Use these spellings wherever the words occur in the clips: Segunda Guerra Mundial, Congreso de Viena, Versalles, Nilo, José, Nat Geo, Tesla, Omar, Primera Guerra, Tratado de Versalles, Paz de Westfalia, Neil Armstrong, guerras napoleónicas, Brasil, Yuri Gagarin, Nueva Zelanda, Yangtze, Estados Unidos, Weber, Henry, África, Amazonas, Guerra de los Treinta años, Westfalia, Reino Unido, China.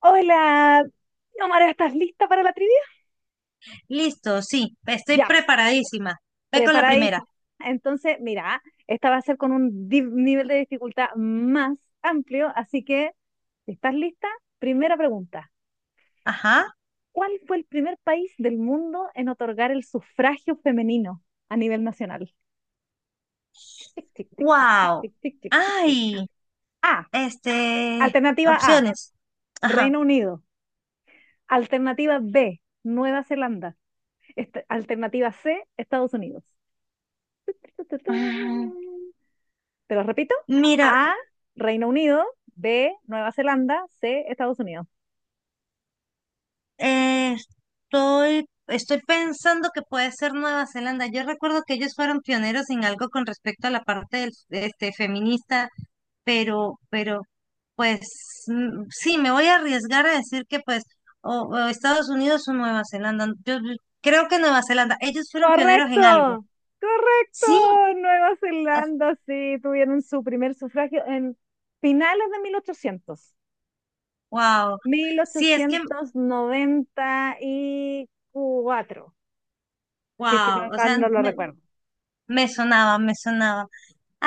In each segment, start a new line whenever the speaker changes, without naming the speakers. Hola, Omar, ¿estás lista para la trivia?
Listo, sí, estoy
Ya,
preparadísima. Ve con la primera.
preparadísima. Entonces, mira, esta va a ser con un nivel de dificultad más amplio, así que, si estás lista, primera pregunta.
Ajá.
¿Cuál fue el primer país del mundo en otorgar el sufragio femenino a nivel nacional? Tic, tic, tic, tic, tic,
Wow.
tic, tic, tic, tic, tic.
Ay,
A,
este,
alternativa A,
opciones. Ajá.
Reino Unido. Alternativa B, Nueva Zelanda. Alternativa C, Estados Unidos. Tu, tu, tu.
Mm,
Te lo repito.
Mira,
A, Reino Unido. B, Nueva Zelanda. C, Estados Unidos.
eh, estoy pensando que puede ser Nueva Zelanda. Yo recuerdo que ellos fueron pioneros en algo con respecto a la parte feminista, pero, pues sí, me voy a arriesgar a decir que pues o Estados Unidos o Nueva Zelanda. Yo creo que Nueva Zelanda, ellos fueron pioneros
Correcto.
en algo.
Correcto.
Sí,
Nueva Zelanda, sí, tuvieron su primer sufragio en finales de
wow.
1800.
Sí, es que
1894. Si es que no,
wow, o
mal
sea,
no lo
me,
recuerdo.
me sonaba, me sonaba.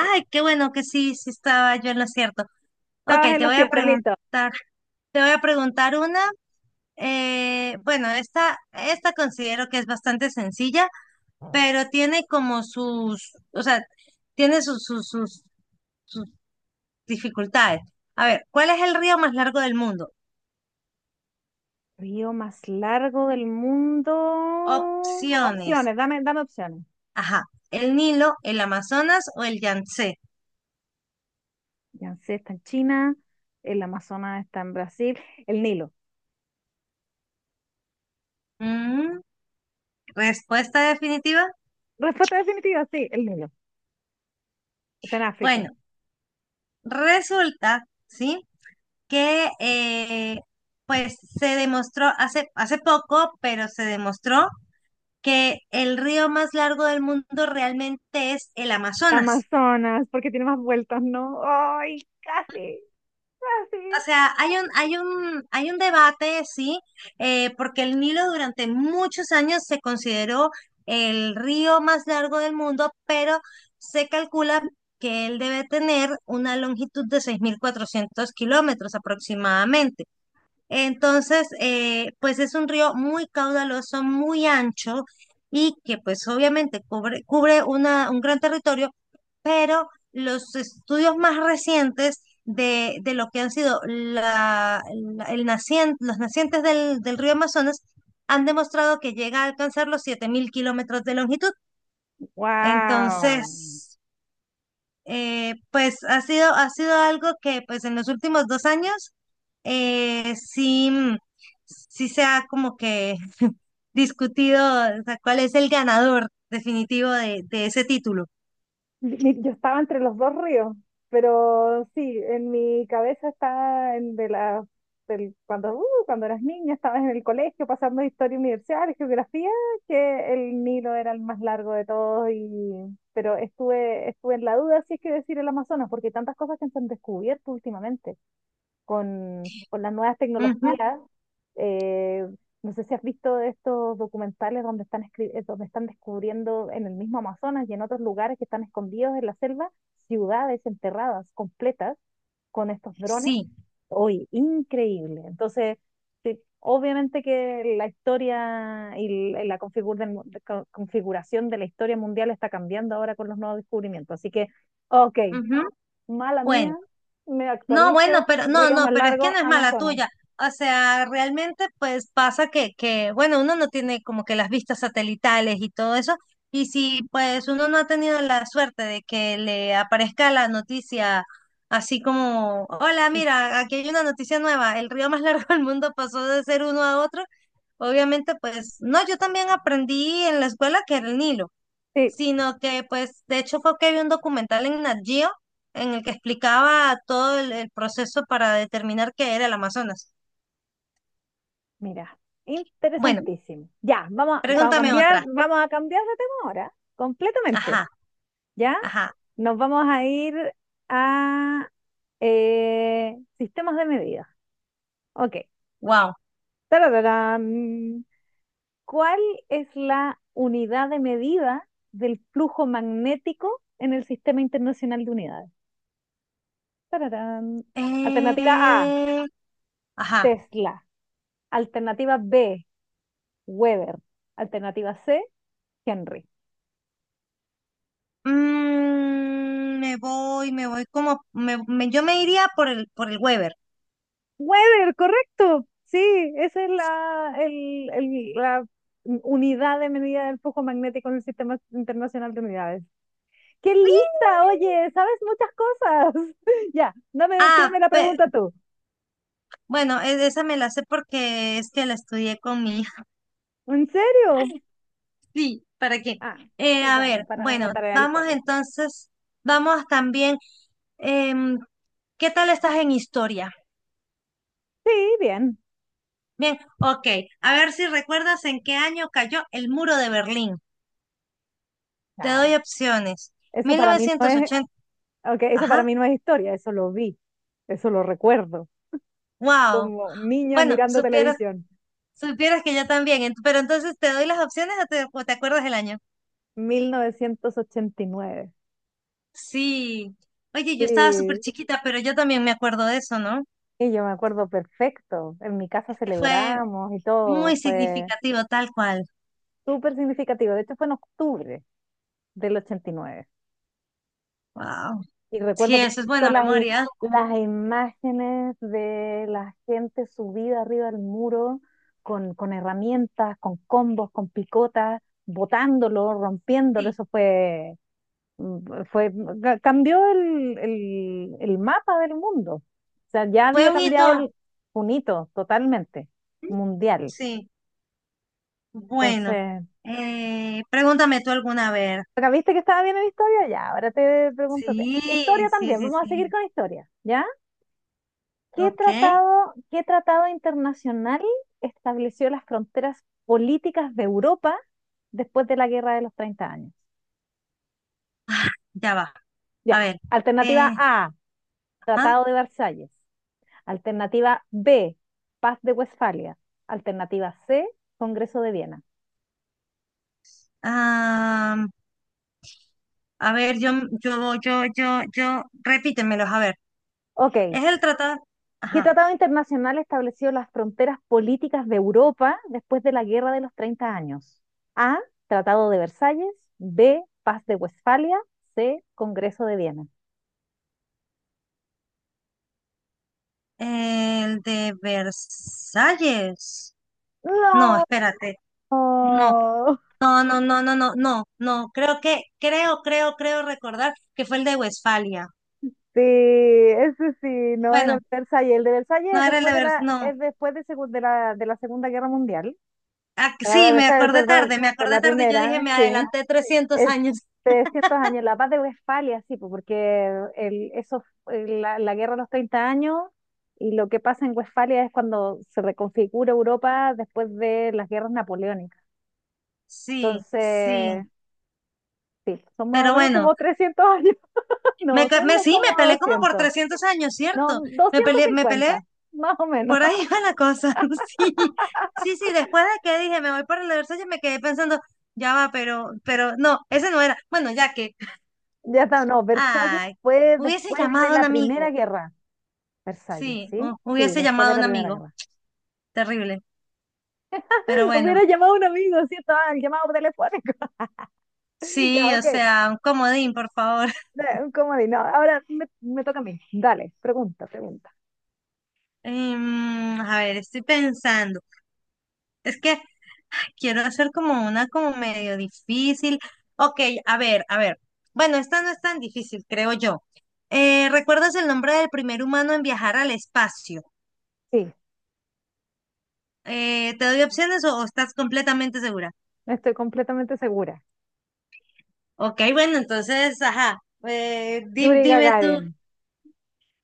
Sí.
qué bueno que sí, sí estaba yo en lo cierto. Ok,
Estabas en
te
los
voy a
cierto, listo.
preguntar, te voy a preguntar una. Bueno, esta considero que es bastante sencilla, pero tiene como o sea, tiene sus dificultades. A ver, ¿cuál es el río más largo del mundo?
Río más largo del mundo.
Opciones.
Opciones, dame opciones.
Ajá, ¿el Nilo, el Amazonas o el Yangtze?
Yangtze está en China, el Amazonas está en Brasil, el Nilo.
Mm, respuesta definitiva.
Respuesta definitiva, sí, el Nilo. Está en África.
Bueno, resulta, ¿sí? Que pues se demostró hace poco, pero se demostró que el río más largo del mundo realmente es el Amazonas.
Amazonas, porque tiene más vueltas, ¿no? ¡Ay, casi! ¡Casi!
O sea, hay un debate, sí, porque el Nilo durante muchos años se consideró el río más largo del mundo, pero se calcula que él debe tener una longitud de 6.400 kilómetros aproximadamente. Entonces, pues es un río muy caudaloso, muy ancho y que pues obviamente cubre un gran territorio, pero los estudios más recientes de lo que han sido los nacientes del río Amazonas han demostrado que llega a alcanzar los 7.000 kilómetros de longitud.
¡Wow!
Entonces. Pues ha sido algo que pues en los últimos 2 años, sí, sí se ha como que discutido, o sea, cuál es el ganador definitivo de ese título.
Yo estaba entre los dos ríos, pero sí, en mi cabeza estaba en de la, del- cuando, cuando eras niña, estabas en el colegio pasando historia universal, geografía, que el Nilo era el más largo de todos, y, pero estuve en la duda si es que decir el Amazonas, porque hay tantas cosas que se han descubierto últimamente con las nuevas
Ujú.
tecnologías. eh, no sé si has visto estos documentales donde están, donde están descubriendo en el mismo Amazonas y en otros lugares que están escondidos en la selva, ciudades enterradas completas con estos drones.
Sí.
Hoy, increíble. Entonces, sí, obviamente que la historia y l- la configur- del mu- de co- configuración de la historia mundial está cambiando ahora con los nuevos descubrimientos. Así que, ok,
Ujú.
mala mía,
Bueno.
me
No, bueno,
actualizo,
pero no,
río
no,
más
pero es que
largo,
no es mala
Amazonas.
tuya. O sea, realmente pues pasa que, bueno, uno no tiene como que las vistas satelitales y todo eso. Y si pues uno no ha tenido la suerte de que le aparezca la noticia así como, hola, mira, aquí hay una noticia nueva, el río más largo del mundo pasó de ser uno a otro, obviamente pues, no, yo también aprendí en la escuela que era el Nilo,
Sí,
sino que pues de hecho fue que vi un documental en Nat Geo en el que explicaba todo el proceso para determinar qué era el Amazonas.
mira,
Bueno,
interesantísimo. Ya, vamos,
pregúntame otra.
vamos a cambiar de tema ahora, completamente.
Ajá,
¿Ya?
ajá,
Nos vamos a ir a sistemas de medida. Ok.
wow.
Tarararán. ¿Cuál es la unidad de medida del flujo magnético en el Sistema Internacional de Unidades? Tararán. Alternativa A,
Eh, ajá.
Tesla. Alternativa B, Weber. Alternativa C, Henry.
Me voy como, me- me- yo me iría por el Weber.
Weber, correcto. Sí, esa es la unidad de medida del flujo magnético en el Sistema Internacional de Unidades. ¡Qué lista! Oye, sabes muchas cosas. Ya, dame,
Ah,
tírame la pregunta tú.
bueno, esa me la sé porque es que la estudié con mi.
¿En serio?
Sí, ¿para qué?
Ah, qué
A
bueno,
ver,
para una
bueno,
tarea del cole.
vamos también, em, ¿qué tal estás en historia?
Sí, bien.
Bien, ok, a ver si recuerdas en qué año cayó el muro de Berlín. Te
Ya,
doy opciones.
eso
Mil
para mí no
novecientos
es,
ochenta.
ok, eso para
Ajá,
mí no es historia, eso lo vi, eso lo recuerdo.
wow.
Como niña
Bueno,
mirando
supieras,
televisión.
supieras que yo también, pero entonces te doy las opciones o o te acuerdas del año.
1989.
Sí. Oye, yo estaba súper
Sí,
chiquita, pero yo también me acuerdo de eso, ¿no?
y yo me acuerdo perfecto. En mi casa
Es que fue
celebramos y todo.
muy
Fue
significativo, tal cual.
súper significativo. De hecho, fue en octubre del 89.
Wow.
Y nueve. Y
Sí,
recuerdo
eso es
perfecto
buena memoria.
las imágenes de la gente subida arriba del muro con herramientas, con combos, con picotas, botándolo, rompiéndolo.
Sí,
Eso fue mm, fue, cambió el mapa del mundo. O sea, ya
fue
había
un
cambiado
hito.
el, un hito totalmente, mundial.
Sí, bueno.
Entonces,
Pregúntame tú alguna vez.
acá viste que estaba bien en historia, ya, ahora te pregunto,
Sí,
historia
sí,
también,
sí,
vamos a seguir
sí.
con historia, ¿ya?
Ok,
Qué tratado internacional estableció las fronteras políticas de Europa después de la Guerra de los Treinta Años?
ya va.
Ya,
A ver.
alternativa
eh,
A,
ah,
Tratado de Versalles. Alternativa B, Paz de Westfalia. Alternativa C, Congreso de Viena.
am, a ver, yo, repítemelos, a ver.
Ok.
Es el tratado,
¿Qué
ajá,
tratado internacional estableció las fronteras políticas de Europa después de la Guerra de los Treinta Años? A, Tratado de Versalles. B, Paz de Westfalia. C, Congreso de Viena.
el de Versalles. No,
No.
espérate. No, no, no, no, no, no, no, no. Creo recordar que fue el de Westfalia.
Sí, ese sí, no era el
Bueno,
de Versalles. El de Versalles es
no era el
después
de
de
Vers,
la,
no.
es de la Segunda Guerra Mundial.
Ah,
Tratado
sí,
de
me
Versalles,
acordé
perdón,
tarde, me
de
acordé
la
tarde. Yo dije,
primera,
me
sí.
adelanté 300 años.
Este, cientos de años, la Paz de Westfalia, sí, pues, porque el, eso, el- la guerra de los treinta años y lo que pasa en Westfalia es cuando se reconfigura Europa después de las guerras napoleónicas.
Sí, sí.
Entonces, sí, son más o
Pero
menos
bueno,
como 300 años.
me,
No,
ca-
son
me
no
sí,
como
me peleé como por
200.
300 años,
No,
¿cierto?
doscientos
Me peleé,
cincuenta más o menos.
por ahí va la cosa. Sí, sí, sí. Después de que dije, me voy para el de Versalles, me quedé pensando, ya va, pero no, ese no era. Bueno, ya que,
Ya está, no, Versalles
ay,
fue
hubiese
después de
llamado a un
la Primera
amigo.
Guerra. Versalles,
Sí,
¿sí? Sí,
hubiese
después
llamado
de
a
la
un
Primera
amigo,
Guerra.
terrible. Pero bueno,
Hubiera llamado a un amigo, cierto, estaba el llamado telefónico. Ya,
sí, o
ok.
sea, un comodín, por favor.
Un comodín. No, ahora me toca a mí. Dale, pregunta, pregunta.
A ver, estoy pensando. Es que quiero hacer como una como medio difícil. Ok, a ver, a ver. Bueno, esta no es tan difícil, creo yo. ¿Recuerdas el nombre del primer humano en viajar al espacio?
Sí,
¿Te doy opciones o estás completamente segura?
estoy completamente segura.
Ok, bueno, entonces, ajá.
Yuri
Dime tú.
Gagarin.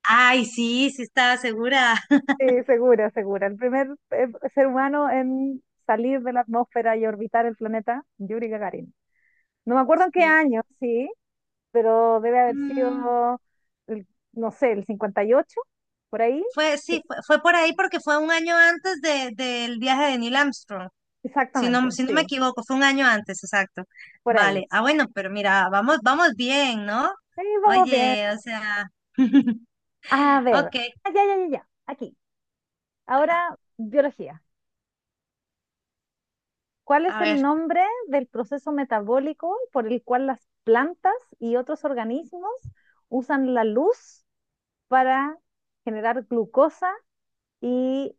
Ay, sí, sí estaba segura.
Sí, segura, segura. El primer ser humano en salir de la atmósfera y orbitar el planeta, Yuri Gagarin. No me acuerdo en qué
Sí.
año, sí, pero debe haber
Mm,
sido, el- no sé, el 58, por ahí.
sí,
Sí,
fue por ahí porque fue un año antes del viaje de Neil Armstrong, si no,
exactamente,
si no me
sí,
equivoco, fue un año antes, exacto.
por
Vale,
ahí.
ah, bueno, pero mira, vamos bien, ¿no?
Sí, vamos bien.
Oye, o sea,
A ver.
ok,
Ah, ya, ya, ya, ya. Aquí. Ahora, biología. ¿Cuál es
a
el
ver,
nombre del proceso metabólico por el cual las plantas y otros organismos usan la luz para generar glucosa y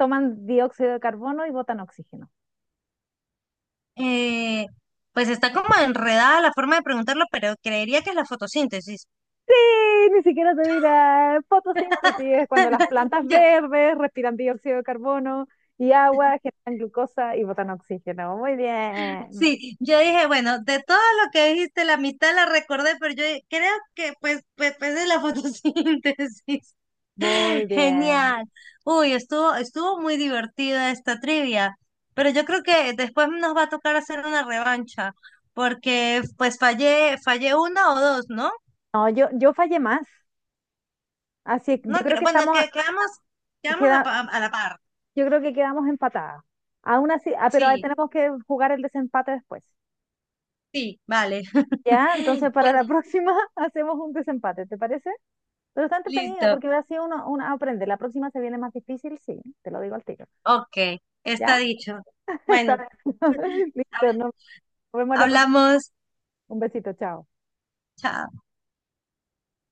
toman dióxido de carbono y botan oxígeno?
eh, pues está como enredada la forma de preguntarlo, pero creería que es la fotosíntesis.
Sí, ni siquiera te mira fotosíntesis, es cuando las plantas
Yo,
verdes respiran dióxido de carbono y agua, generan glucosa y botan oxígeno. Muy bien,
sí, yo dije, bueno, de todo lo que dijiste, la mitad la recordé, pero yo creo que pues es la fotosíntesis.
muy bien.
Genial. Uy, estuvo muy divertida esta trivia, pero yo creo que después nos va a tocar hacer una revancha, porque pues fallé una o dos, ¿no?
No, yo fallé más. Así, yo
No
creo
creo,
que
bueno,
estamos,
que quedamos,
queda,
a la par.
yo creo que quedamos empatadas. Aún así, ah, pero ahí
Sí,
tenemos que jugar el desempate después.
sí, vale.
Ya, entonces para la
Bueno,
próxima hacemos un desempate, ¿te parece? Pero está entretenido
listo.
porque así uno, uno aprende. La próxima se viene más difícil, sí, te lo digo al tiro.
Ok,
¿Ya?
está dicho.
Está
Bueno,
bien. Listo,
hab-
nos vemos la próxima.
hablamos.
Un besito, chao.
Chao.